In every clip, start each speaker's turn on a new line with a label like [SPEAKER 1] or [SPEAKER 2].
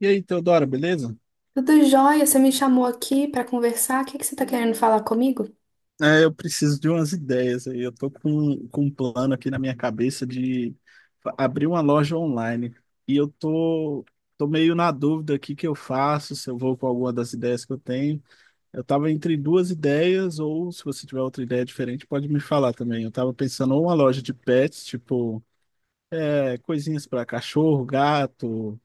[SPEAKER 1] E aí, Teodora, beleza?
[SPEAKER 2] Tudo jóia, você me chamou aqui para conversar. O que que você está querendo falar comigo?
[SPEAKER 1] Eu preciso de umas ideias aí. Eu tô com um plano aqui na minha cabeça de abrir uma loja online. E eu tô meio na dúvida aqui que eu faço, se eu vou com alguma das ideias que eu tenho. Eu tava entre duas ideias, ou se você tiver outra ideia diferente, pode me falar também. Eu tava pensando ou uma loja de pets, tipo, coisinhas para cachorro, gato.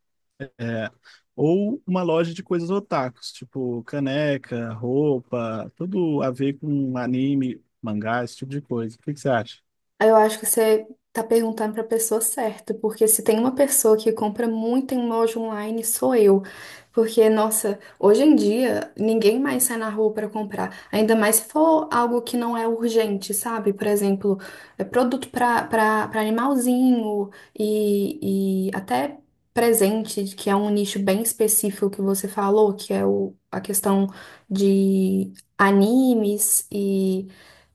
[SPEAKER 1] É, ou uma loja de coisas otakus, tipo caneca, roupa, tudo a ver com anime, mangá, esse tipo de coisa. O que que você acha?
[SPEAKER 2] Eu acho que você tá perguntando para a pessoa certa, porque se tem uma pessoa que compra muito em loja online, sou eu. Porque, nossa, hoje em dia ninguém mais sai na rua para comprar, ainda mais se for algo que não é urgente, sabe? Por exemplo, é produto para animalzinho e até presente, que é um nicho bem específico que você falou, que é o, a questão de animes e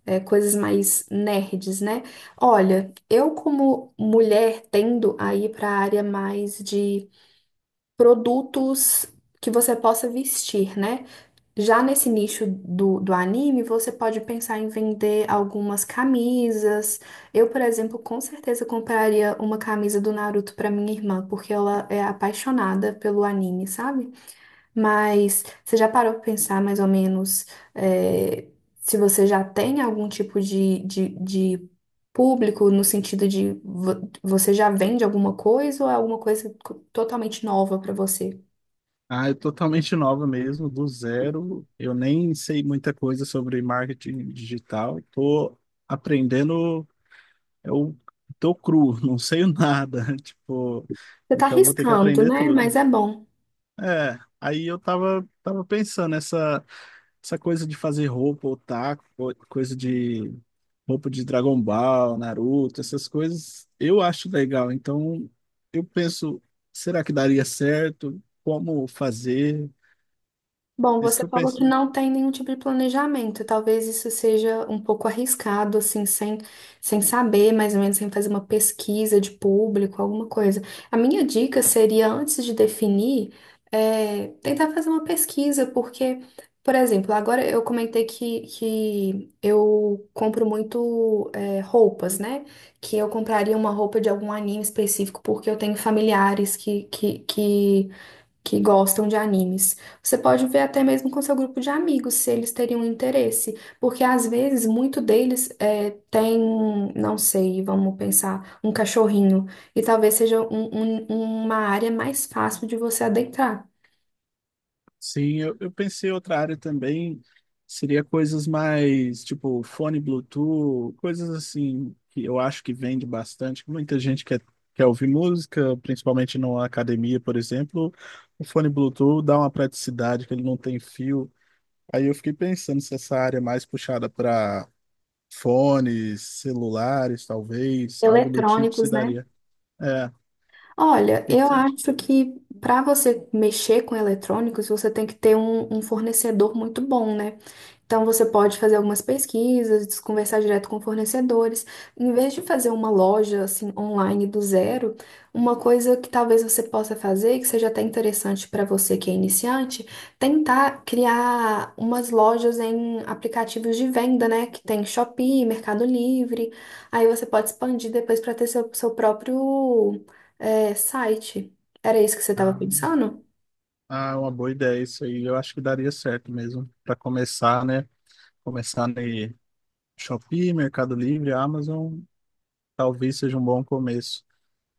[SPEAKER 2] coisas mais nerds, né? Olha, eu como mulher tendo a ir para a área mais de produtos que você possa vestir, né? Já nesse nicho do anime, você pode pensar em vender algumas camisas. Eu, por exemplo, com certeza compraria uma camisa do Naruto para minha irmã, porque ela é apaixonada pelo anime, sabe? Mas você já parou para pensar mais ou menos é, se você já tem algum tipo de público no sentido de você já vende alguma coisa ou é alguma coisa totalmente nova para você?
[SPEAKER 1] Ah, eu totalmente nova mesmo, do zero. Eu nem sei muita coisa sobre marketing digital. Tô aprendendo, eu tô cru, não sei nada. Tipo,
[SPEAKER 2] Você tá
[SPEAKER 1] então vou ter que
[SPEAKER 2] arriscando,
[SPEAKER 1] aprender
[SPEAKER 2] né?
[SPEAKER 1] tudo.
[SPEAKER 2] Mas é bom.
[SPEAKER 1] É, aí eu tava pensando essa coisa de fazer roupa, otaku, coisa de roupa de Dragon Ball, Naruto, essas coisas, eu acho legal. Então, eu penso, será que daria certo? Como fazer?
[SPEAKER 2] Bom,
[SPEAKER 1] É isso que
[SPEAKER 2] você
[SPEAKER 1] eu
[SPEAKER 2] falou que
[SPEAKER 1] pensei.
[SPEAKER 2] não tem nenhum tipo de planejamento. Talvez isso seja um pouco arriscado, assim, sem saber, mais ou menos, sem fazer uma pesquisa de público, alguma coisa. A minha dica seria, antes de definir, tentar fazer uma pesquisa, porque, por exemplo, agora eu comentei que eu compro muito, roupas, né? Que eu compraria uma roupa de algum anime específico, porque eu tenho familiares que que gostam de animes. Você pode ver até mesmo com seu grupo de amigos se eles teriam interesse, porque às vezes muito deles tem, não sei, vamos pensar, um cachorrinho, e talvez seja uma área mais fácil de você adentrar.
[SPEAKER 1] Sim, eu pensei outra área também, seria coisas mais tipo fone Bluetooth, coisas assim que eu acho que vende bastante. Muita gente quer ouvir música, principalmente na academia, por exemplo. O fone Bluetooth dá uma praticidade que ele não tem fio. Aí eu fiquei pensando se essa área é mais puxada para fones, celulares, talvez, algo do tipo se
[SPEAKER 2] Eletrônicos, né?
[SPEAKER 1] daria. É, o
[SPEAKER 2] Olha,
[SPEAKER 1] Que que
[SPEAKER 2] eu
[SPEAKER 1] você acha?
[SPEAKER 2] acho que para você mexer com eletrônicos, você tem que ter um fornecedor muito bom, né? Então, você pode fazer algumas pesquisas, conversar direto com fornecedores. Em vez de fazer uma loja assim online do zero, uma coisa que talvez você possa fazer, que seja até interessante para você que é iniciante, tentar criar umas lojas em aplicativos de venda, né? Que tem Shopee, Mercado Livre. Aí você pode expandir depois para ter seu próprio, site. Era isso que você estava
[SPEAKER 1] Ah,
[SPEAKER 2] pensando?
[SPEAKER 1] ah, uma boa ideia isso aí. Eu acho que daria certo mesmo para começar, né? Começar no Shopee, Mercado Livre, Amazon, talvez seja um bom começo.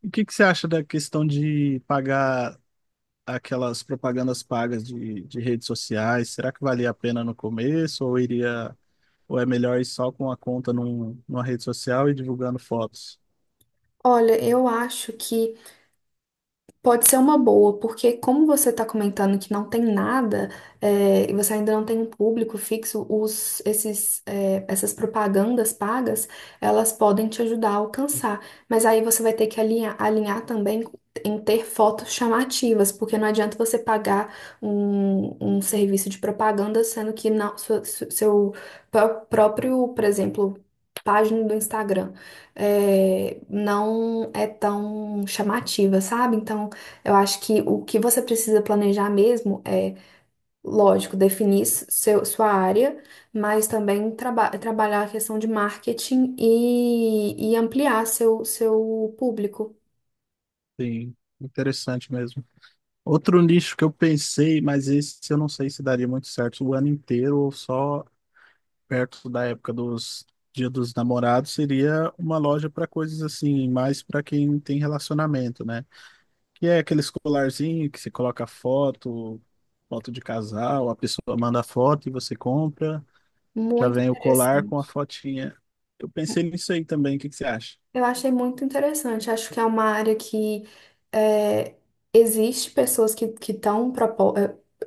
[SPEAKER 1] E o que que você acha da questão de pagar aquelas propagandas pagas de redes sociais? Será que valia a pena no começo ou ou é melhor ir só com a conta numa rede social e divulgando fotos?
[SPEAKER 2] Olha, eu acho que pode ser uma boa, porque como você está comentando que não tem nada, é, e você ainda não tem um público fixo, essas propagandas pagas, elas podem te ajudar a alcançar. Mas aí você vai ter que alinhar também em ter fotos chamativas, porque não adianta você pagar um serviço de propaganda, sendo que não, seu próprio, por exemplo, página do Instagram não é tão chamativa, sabe? Então eu acho que o que você precisa planejar mesmo lógico, definir sua área, mas também trabalhar a questão de marketing e ampliar seu público.
[SPEAKER 1] Sim, interessante mesmo. Outro nicho que eu pensei, mas esse eu não sei se daria muito certo o ano inteiro ou só perto da época dos Dia dos Namorados, seria uma loja para coisas assim, mais para quem tem relacionamento, né? Que é aquele colarzinho que você coloca foto de casal, a pessoa manda foto e você compra, já
[SPEAKER 2] Muito
[SPEAKER 1] vem o colar com a
[SPEAKER 2] interessante.
[SPEAKER 1] fotinha. Eu pensei nisso aí também, o que que você acha?
[SPEAKER 2] Eu achei muito interessante. Acho que é uma área que é, existe pessoas que estão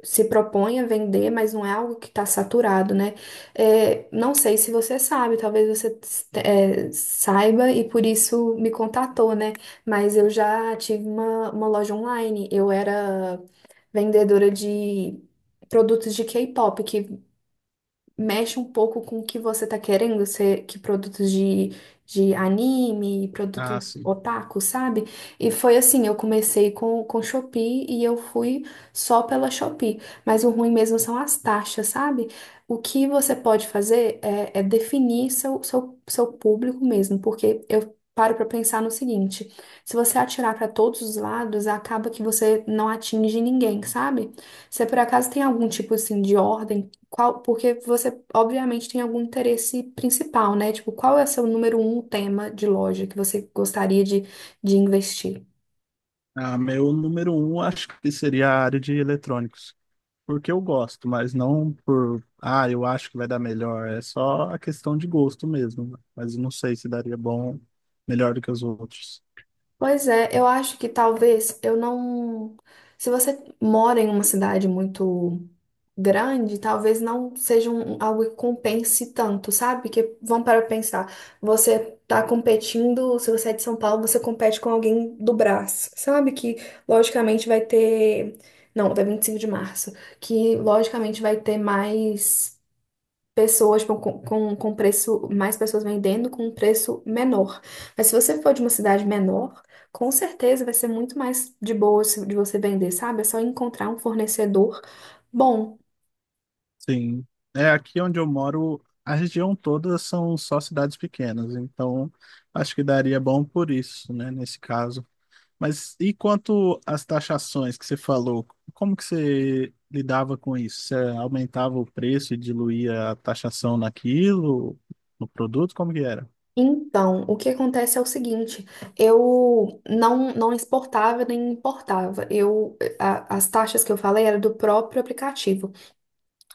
[SPEAKER 2] se propõem a vender, mas não é algo que está saturado, né? É, não sei se você sabe, talvez você saiba e por isso me contatou, né? Mas eu já tive uma loja online. Eu era vendedora de produtos de K-pop, que mexe um pouco com o que você tá querendo, ser, que produtos de anime,
[SPEAKER 1] Ah,
[SPEAKER 2] produtos
[SPEAKER 1] sim.
[SPEAKER 2] otaku, sabe? E foi assim, eu comecei com Shopee e eu fui só pela Shopee. Mas o ruim mesmo são as taxas, sabe? O que você pode fazer é definir seu público mesmo, porque eu paro pra pensar no seguinte, se você atirar pra todos os lados, acaba que você não atinge ninguém, sabe? Se por acaso tem algum tipo assim de ordem qual, porque você, obviamente, tem algum interesse principal, né? Tipo, qual é o seu número um tema de loja que você gostaria de investir?
[SPEAKER 1] Ah, meu número um acho que seria a área de eletrônicos, porque eu gosto, mas não por, ah, eu acho que vai dar melhor. É só a questão de gosto mesmo, né? Mas eu não sei se daria bom, melhor do que os outros.
[SPEAKER 2] Pois é, eu acho que talvez eu não. Se você mora em uma cidade muito grande, talvez não seja um, algo que compense tanto, sabe? Porque vamos para pensar, você tá competindo, se você é de São Paulo, você compete com alguém do Brás, sabe? Que logicamente vai ter, não, da 25 de março, que logicamente vai ter mais pessoas tipo, com preço, mais pessoas vendendo com um preço menor. Mas se você for de uma cidade menor, com certeza vai ser muito mais de boa de você vender, sabe? É só encontrar um fornecedor. Bom,
[SPEAKER 1] Sim. É, aqui onde eu moro, a região toda são só cidades pequenas, então acho que daria bom por isso, né, nesse caso. Mas e quanto às taxações que você falou, como que você lidava com isso? Você aumentava o preço e diluía a taxação naquilo, no produto? Como que era?
[SPEAKER 2] então, o que acontece é o seguinte, eu não, não exportava nem importava. Eu, as taxas que eu falei eram do próprio aplicativo.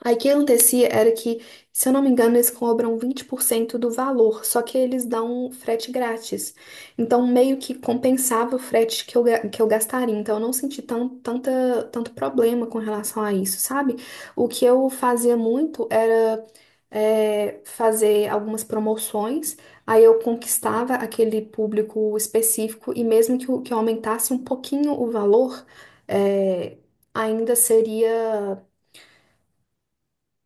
[SPEAKER 2] Aí o que acontecia era que, se eu não me engano, eles cobram 20% do valor, só que eles dão frete grátis. Então, meio que compensava o frete que que eu gastaria. Então, eu não senti tanto problema com relação a isso, sabe? O que eu fazia muito era fazer algumas promoções, aí eu conquistava aquele público específico e mesmo que eu aumentasse um pouquinho o valor, é, ainda seria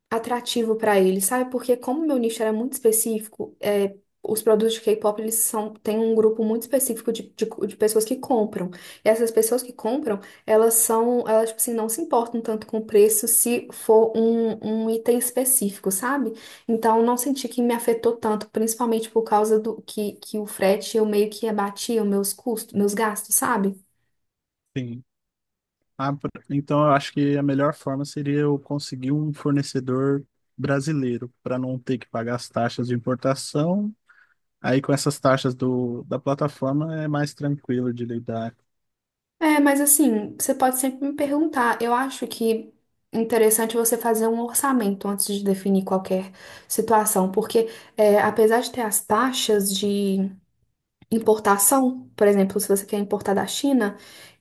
[SPEAKER 2] atrativo pra ele, sabe? Porque como meu nicho era muito específico, é, os produtos de K-pop, eles são, têm um grupo muito específico de pessoas que compram. E essas pessoas que compram, elas, tipo assim, não se importam tanto com o preço se for um item específico, sabe? Então, não senti que me afetou tanto, principalmente por causa do que o frete, eu meio que abatia os meus custos, meus gastos, sabe?
[SPEAKER 1] Sim. Ah, então eu acho que a melhor forma seria eu conseguir um fornecedor brasileiro para não ter que pagar as taxas de importação. Aí com essas taxas da plataforma é mais tranquilo de lidar.
[SPEAKER 2] É, mas assim, você pode sempre me perguntar. Eu acho que interessante você fazer um orçamento antes de definir qualquer situação, porque apesar de ter as taxas de importação, por exemplo, se você quer importar da China,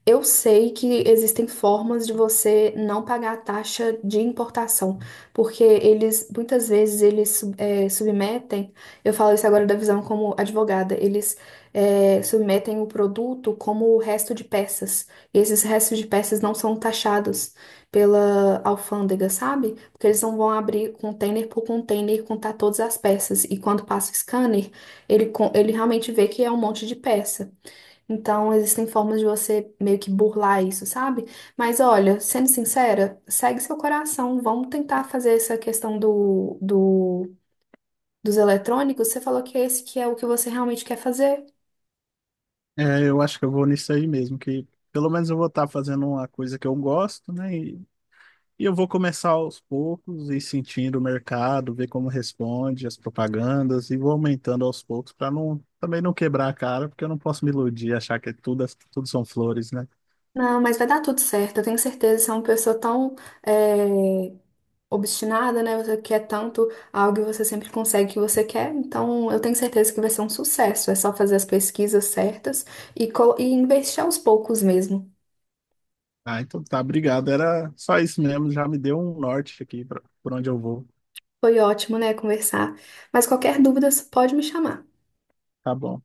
[SPEAKER 2] eu sei que existem formas de você não pagar a taxa de importação, porque eles, muitas vezes, submetem, eu falo isso agora da visão como advogada, submetem o produto como o resto de peças, e esses restos de peças não são taxados pela alfândega, sabe? Porque eles não vão abrir container por container e contar todas as peças, e quando passa o scanner, ele, ele realmente vê que é um monte de peça. Então, existem formas de você meio que burlar isso, sabe? Mas olha, sendo sincera, segue seu coração. Vamos tentar fazer essa questão dos eletrônicos. Você falou que esse que é o que você realmente quer fazer.
[SPEAKER 1] É, eu acho que eu vou nisso aí mesmo, que pelo menos eu vou estar fazendo uma coisa que eu gosto, né? E eu vou começar aos poucos e sentindo o mercado, ver como responde as propagandas e vou aumentando aos poucos para não também não quebrar a cara, porque eu não posso me iludir, achar que é tudo são flores, né?
[SPEAKER 2] Não, mas vai dar tudo certo. Eu tenho certeza. Você é uma pessoa tão, é, obstinada, né? Você quer tanto algo e você sempre consegue o que você quer. Então, eu tenho certeza que vai ser um sucesso. É só fazer as pesquisas certas e investir aos poucos mesmo.
[SPEAKER 1] Ah, então tá, obrigado. Era só isso mesmo, já me deu um norte aqui pra, por onde eu vou.
[SPEAKER 2] Foi ótimo, né, conversar. Mas qualquer dúvida, pode me chamar.
[SPEAKER 1] Tá bom.